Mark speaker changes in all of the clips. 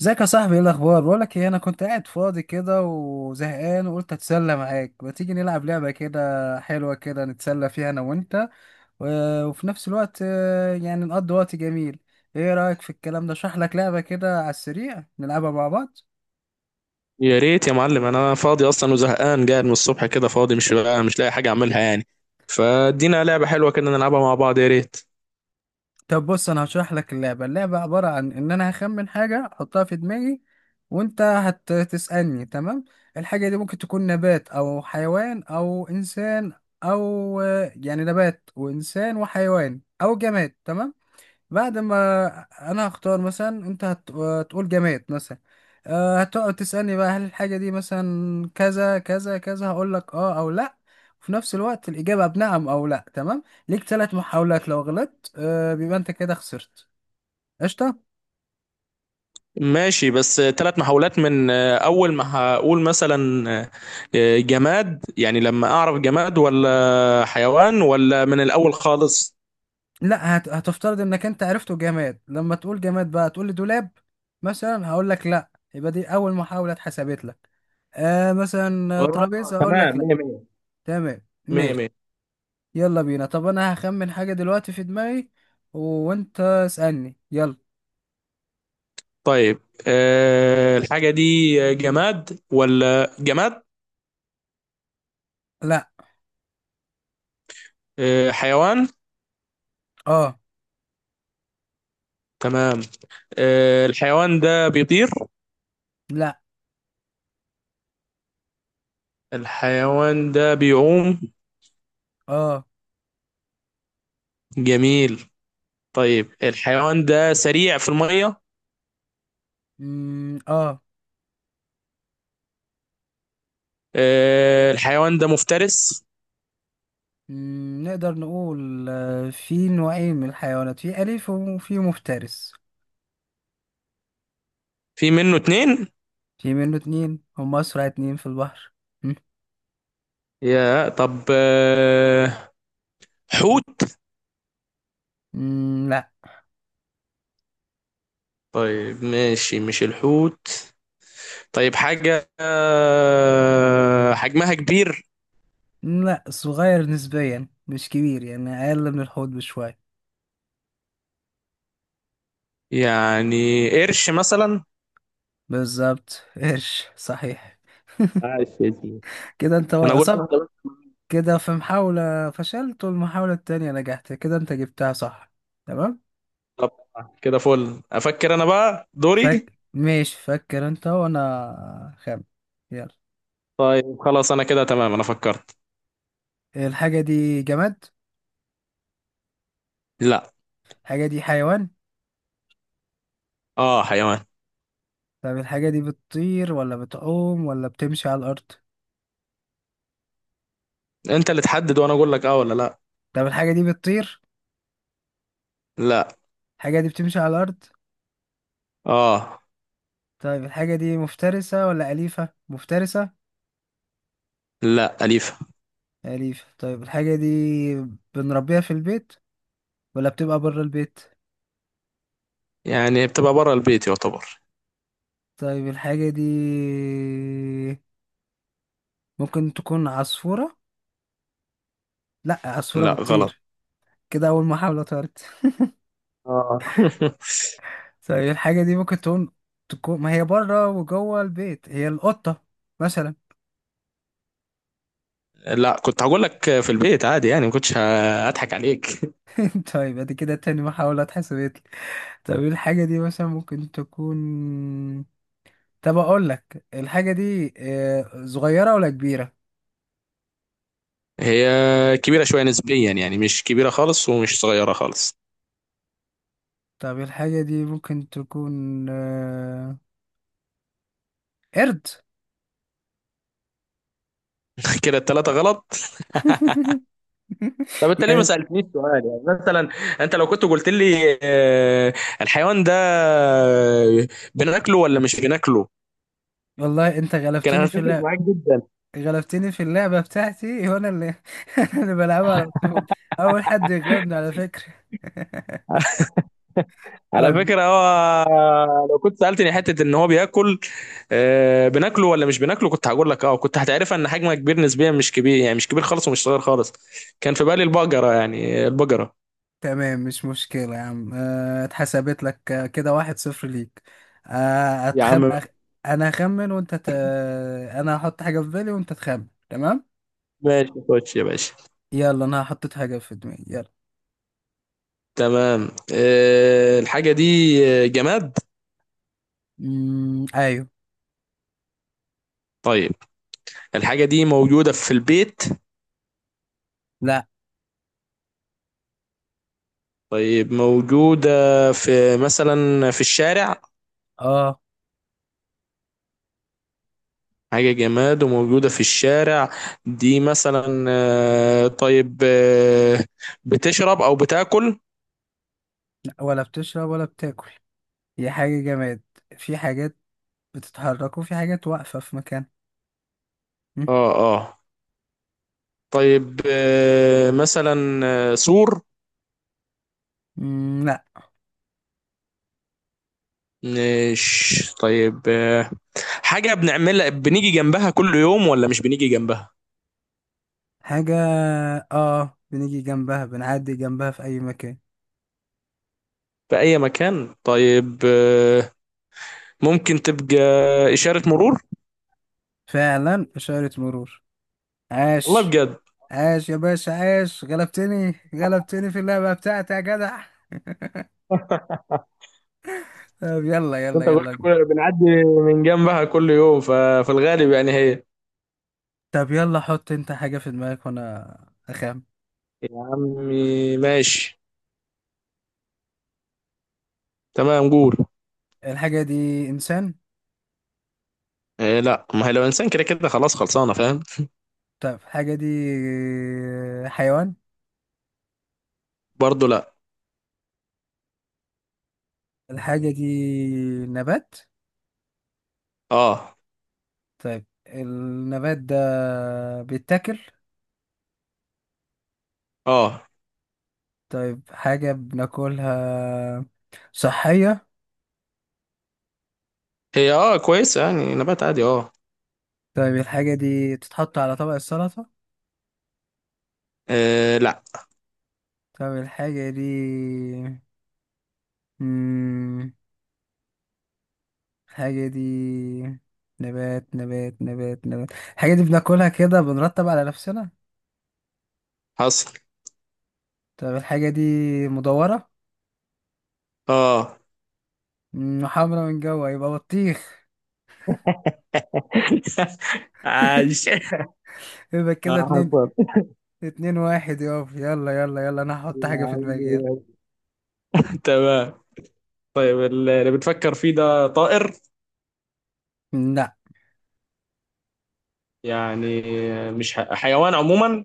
Speaker 1: ازيك يا صاحبي؟ ايه الاخبار؟ بقولك ايه، انا كنت قاعد فاضي كده وزهقان، وقلت اتسلى معاك. ما تيجي نلعب لعبه كده حلوه كده نتسلى فيها انا وانت، وفي نفس الوقت يعني نقضي وقت جميل. ايه رايك في الكلام ده؟ اشرح لك لعبه كده على السريع نلعبها مع بعض؟
Speaker 2: يا ريت يا معلم، انا فاضي اصلا وزهقان، قاعد من الصبح كده فاضي. مش لاقي حاجه اعملها يعني. فادينا لعبه حلوه كده نلعبها مع بعض، يا ريت.
Speaker 1: طب بص، انا هشرح لك اللعبه عباره عن ان انا هخمن حاجه احطها في دماغي، وانت هتسالني، تمام؟ الحاجه دي ممكن تكون نبات او حيوان او انسان، او يعني نبات وانسان وحيوان او جماد، تمام؟ بعد ما انا هختار مثلا، انت هتقول جماد مثلا، هتقعد تسألني بقى، هل الحاجة دي مثلا كذا كذا كذا؟ هقول لك اه او لا. وفي نفس الوقت الإجابة بنعم او لا، تمام؟ ليك 3 محاولات. لو غلطت بيبقى انت كده خسرت. قشطة.
Speaker 2: ماشي، بس ثلاث محاولات من اول ما هقول مثلا جماد، يعني لما اعرف جماد ولا حيوان ولا من الاول خالص؟
Speaker 1: لا، هتفترض انك انت عرفته جماد. لما تقول جماد بقى تقول لي دولاب مثلا، هقول لك لا، يبقى دي اول محاولة اتحسبت لك. مثلا
Speaker 2: اه،
Speaker 1: ترابيزة، اقول لك
Speaker 2: تمام.
Speaker 1: لا.
Speaker 2: مية مية.
Speaker 1: تمام.
Speaker 2: مية
Speaker 1: ماشي.
Speaker 2: مية.
Speaker 1: يلا بينا. طب انا هخمن حاجة دلوقتي في دماغي، و- وانت اسألني يلا.
Speaker 2: طيب، الحاجه دي جماد ولا جماد؟
Speaker 1: لا.
Speaker 2: حيوان؟
Speaker 1: اه.
Speaker 2: تمام. الحيوان ده بيطير؟
Speaker 1: لا.
Speaker 2: الحيوان ده بيعوم؟
Speaker 1: اه.
Speaker 2: جميل. طيب، الحيوان ده سريع في المية؟
Speaker 1: مم. اه.
Speaker 2: الحيوان ده مفترس؟
Speaker 1: مم. نقدر نقول في نوعين من الحيوانات، في أليف وفي مفترس.
Speaker 2: في منه اتنين؟
Speaker 1: في منه اتنين، هم أسرع اتنين في البحر. مم.
Speaker 2: يا طب، حوت؟
Speaker 1: لا.
Speaker 2: طيب ماشي، مش الحوت. طيب، حاجة حجمها كبير؟
Speaker 1: لا، صغير نسبيا مش كبير يعني، أقل من الحوض بشوية.
Speaker 2: يعني قرش مثلا؟
Speaker 1: بالظبط قرش، صحيح.
Speaker 2: عايش يا سيدي.
Speaker 1: كده انت
Speaker 2: انا قلت واحدة بس.
Speaker 1: كده في محاولة فشلت والمحاولة التانية نجحت، كده انت جبتها صح. تمام.
Speaker 2: طب كده فل، افكر انا بقى دوري.
Speaker 1: ماشي، فكر انت وانا خام. يلا.
Speaker 2: طيب خلاص، انا كده تمام، انا فكرت.
Speaker 1: الحاجة دي جماد؟
Speaker 2: لا.
Speaker 1: الحاجة دي حيوان؟
Speaker 2: اه، حيوان.
Speaker 1: طب الحاجة دي بتطير ولا بتعوم ولا بتمشي على الأرض؟
Speaker 2: انت اللي تحدد وانا اقول لك اه ولا لا.
Speaker 1: طب الحاجة دي بتطير؟
Speaker 2: لا.
Speaker 1: الحاجة دي بتمشي على الأرض؟
Speaker 2: اه.
Speaker 1: طيب الحاجة دي مفترسة ولا أليفة؟ مفترسة؟
Speaker 2: لا، اليفه.
Speaker 1: أليفة؟ طيب الحاجة دي بنربيها في البيت ولا بتبقى بره البيت؟
Speaker 2: يعني بتبقى بره البيت يعتبر.
Speaker 1: طيب الحاجة دي ممكن تكون عصفورة؟ لا، عصفورة
Speaker 2: لا غلط.
Speaker 1: بتطير. كده أول محاولة طارت.
Speaker 2: اه.
Speaker 1: طيب الحاجة دي ممكن تكون ما هي بره وجوه البيت، هي القطة مثلا؟
Speaker 2: لا، كنت هقول لك في البيت عادي، يعني ما كنتش هضحك عليك.
Speaker 1: طيب ادي كده تاني محاولة اتحسبت لي. طب إيه الحاجة دي مثلا ممكن تكون؟ طب اقول لك الحاجة دي صغيرة ولا كبيرة؟
Speaker 2: هي كبيره شويه نسبيا، يعني مش كبيره خالص ومش صغيره خالص.
Speaker 1: طب الحاجة دي ممكن تكون قرد؟
Speaker 2: كده الثلاثه غلط. طب انت ليه ما
Speaker 1: يعني،
Speaker 2: سالتنيش سؤال يعني؟ مثلا انت لو كنت قلت لي الحيوان ده بناكله ولا مش بناكله،
Speaker 1: والله انت
Speaker 2: كان
Speaker 1: غلبتني في
Speaker 2: هتفرق
Speaker 1: اللعبة.
Speaker 2: معاك جدا.
Speaker 1: غلبتني في اللعبة بتاعتي وانا اللي أنا اللي بلعبها على طول. اول حد يغلبني على فكرة.
Speaker 2: على
Speaker 1: طيب.
Speaker 2: فكرة، هو لو كنت سألتني حتة ان هو بياكل، بناكله ولا مش بناكله، كنت هقول لك اه، كنت هتعرفها ان حجمه كبير نسبيا، مش كبير يعني، مش كبير خالص ومش صغير خالص. كان في بالي البقرة، يعني البقرة.
Speaker 1: تمام، مش مشكلة يا عم. اتحسبت لك كده 1-0 ليك. آه،
Speaker 2: يا
Speaker 1: أتخم...
Speaker 2: عم
Speaker 1: أخ... انا هخمن وانت انا هحط حاجة في بالي وانت تخمن، تمام؟
Speaker 2: ماشي، خش يا باشا.
Speaker 1: يلا. انا حطيت حاجة في دماغي، يلا.
Speaker 2: تمام. الحاجة دي جماد.
Speaker 1: ايوه.
Speaker 2: طيب. الحاجة دي موجودة في البيت؟
Speaker 1: لا.
Speaker 2: طيب، موجودة في مثلا في الشارع؟
Speaker 1: اه.
Speaker 2: حاجة جماد وموجودة في الشارع. دي مثلا طيب بتشرب أو بتاكل؟
Speaker 1: لا، ولا بتشرب ولا بتاكل، هي حاجة جماد. في حاجات بتتحرك وفي حاجات واقفة في مكان. مم.
Speaker 2: اه اه. طيب مثلا سور؟
Speaker 1: مم،
Speaker 2: مش. طيب حاجة بنعملها بنيجي جنبها كل يوم ولا مش بنيجي جنبها؟
Speaker 1: حاجة اه بنيجي جنبها، بنعدي جنبها في أي مكان.
Speaker 2: في أي مكان؟ طيب ممكن تبقى إشارة مرور؟
Speaker 1: فعلا إشارة مرور.
Speaker 2: والله
Speaker 1: عاش.
Speaker 2: بجد.
Speaker 1: عاش يا باشا عاش، غلبتني، غلبتني في اللعبة بتاعتي يا جدع. طب يلا يلا
Speaker 2: انت قلت
Speaker 1: يلا.
Speaker 2: كل بنعدي من جنبها كل يوم، ففي الغالب يعني هي.
Speaker 1: طب يلا، حط انت حاجة في دماغك وانا اخام.
Speaker 2: يا عمي ماشي. تمام، قول.
Speaker 1: الحاجة دي انسان؟
Speaker 2: إيه؟ لا، ما هي لو انسان كده كده خلاص خلصانه فاهم.
Speaker 1: طب الحاجة دي حيوان؟
Speaker 2: برضه لا.
Speaker 1: الحاجة دي نبات؟
Speaker 2: اه.
Speaker 1: طيب النبات ده بيتاكل؟
Speaker 2: اه.
Speaker 1: طيب حاجة بناكلها صحية؟
Speaker 2: هي اه كويسه، يعني نبات عادي اه.
Speaker 1: طيب الحاجة دي تتحط على طبق السلطة؟
Speaker 2: إيه؟ لا.
Speaker 1: طب الحاجة دي مم... الحاجة دي نبات نبات نبات نبات، الحاجة دي بناكلها كده بنرتب على نفسنا؟
Speaker 2: حصل.
Speaker 1: طب الحاجة دي مدورة؟
Speaker 2: اه.
Speaker 1: وحمرا من جوا، يبقى بطيخ.
Speaker 2: عايش.
Speaker 1: يبقى
Speaker 2: ما
Speaker 1: كده اتنين.
Speaker 2: حصل.
Speaker 1: 2-1 يابا. يلا يلا يلا، انا هحط
Speaker 2: يا
Speaker 1: حاجة في دماغي، يلا.
Speaker 2: عم تمام. طيب اللي بتفكر فيه ده طائر؟
Speaker 1: لا.
Speaker 2: يعني مش حيوان عموما؟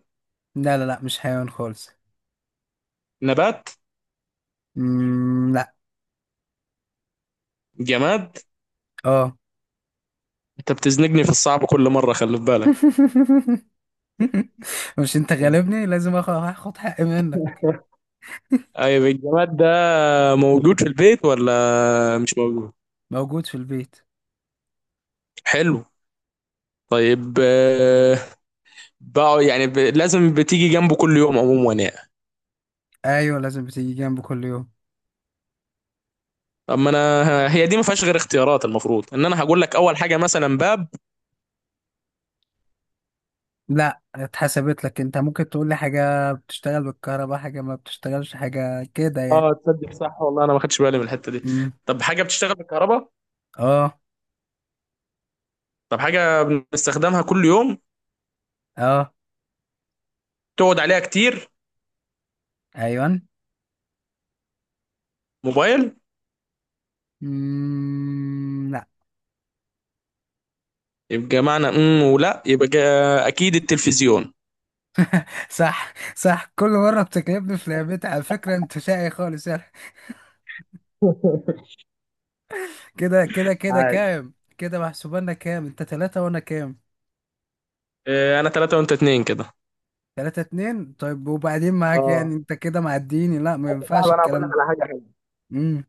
Speaker 1: لا لا لا، مش حيوان خالص.
Speaker 2: نبات؟
Speaker 1: لا.
Speaker 2: جماد؟
Speaker 1: اه.
Speaker 2: انت بتزنقني في الصعب كل مره، خلي في بالك.
Speaker 1: مش انت غالبني، لازم هاخد حقي منك.
Speaker 2: طيب الجماد ده موجود في البيت ولا مش موجود؟
Speaker 1: موجود في البيت.
Speaker 2: حلو. طيب بقى يعني لازم بتيجي جنبه كل يوم عموما يعني.
Speaker 1: ايوه لازم بتيجي جنبه كل يوم.
Speaker 2: اما انا هي دي ما فيهاش غير اختيارات، المفروض ان انا هقول لك اول حاجه مثلا باب.
Speaker 1: لا، اتحسبت لك، انت ممكن تقول لي حاجه بتشتغل بالكهرباء، حاجه ما بتشتغلش، حاجه كده يعني.
Speaker 2: اه تصدق صح، والله انا ما خدتش بالي من الحته دي.
Speaker 1: امم
Speaker 2: طب حاجه بتشتغل بالكهرباء؟
Speaker 1: اه.
Speaker 2: طب حاجه بنستخدمها كل يوم؟
Speaker 1: اه.
Speaker 2: تقعد عليها كتير؟
Speaker 1: ايوه.
Speaker 2: موبايل؟
Speaker 1: لا.
Speaker 2: يبقى معنى ولا، يبقى اكيد التلفزيون.
Speaker 1: صح صح، كل مره بتكلمني في لعبتي على فكره، انت شقي خالص يعني. كده كده كده
Speaker 2: عادي.
Speaker 1: كام كده؟ محسوبانا كام؟ انت ثلاثة وانا كام؟
Speaker 2: انا 3-2 كده.
Speaker 1: 3-2. طيب وبعدين معاك، يعني
Speaker 2: اه.
Speaker 1: انت كده معديني؟ لا، ما
Speaker 2: بص يا
Speaker 1: ينفعش
Speaker 2: صاحبي، انا هقول
Speaker 1: الكلام
Speaker 2: لك
Speaker 1: ده.
Speaker 2: على حاجه حلوه.
Speaker 1: امم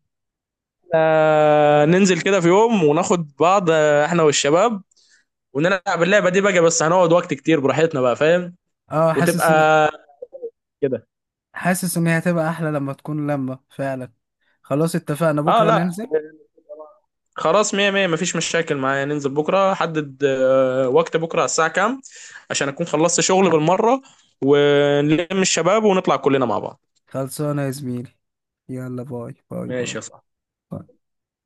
Speaker 2: ننزل كده في يوم وناخد بعض، احنا والشباب، ونلعب اللعبه دي بقى، بس هنقعد وقت كتير براحتنا بقى فاهم.
Speaker 1: اه.
Speaker 2: وتبقى كده.
Speaker 1: حاسس ان هي هتبقى احلى لما تكون لمة فعلا. خلاص اتفقنا،
Speaker 2: اه
Speaker 1: بكرة
Speaker 2: لا،
Speaker 1: ننزل.
Speaker 2: خلاص مية مية، مفيش مشاكل معايا. ننزل بكرة، حدد وقت بكرة على الساعة كام؟ عشان أكون خلصت شغل بالمرة ونلم الشباب ونطلع كلنا مع بعض.
Speaker 1: خلصانة يا زميلي. يلا باي باي
Speaker 2: ماشي
Speaker 1: باي.
Speaker 2: يا صاحبي.
Speaker 1: باي.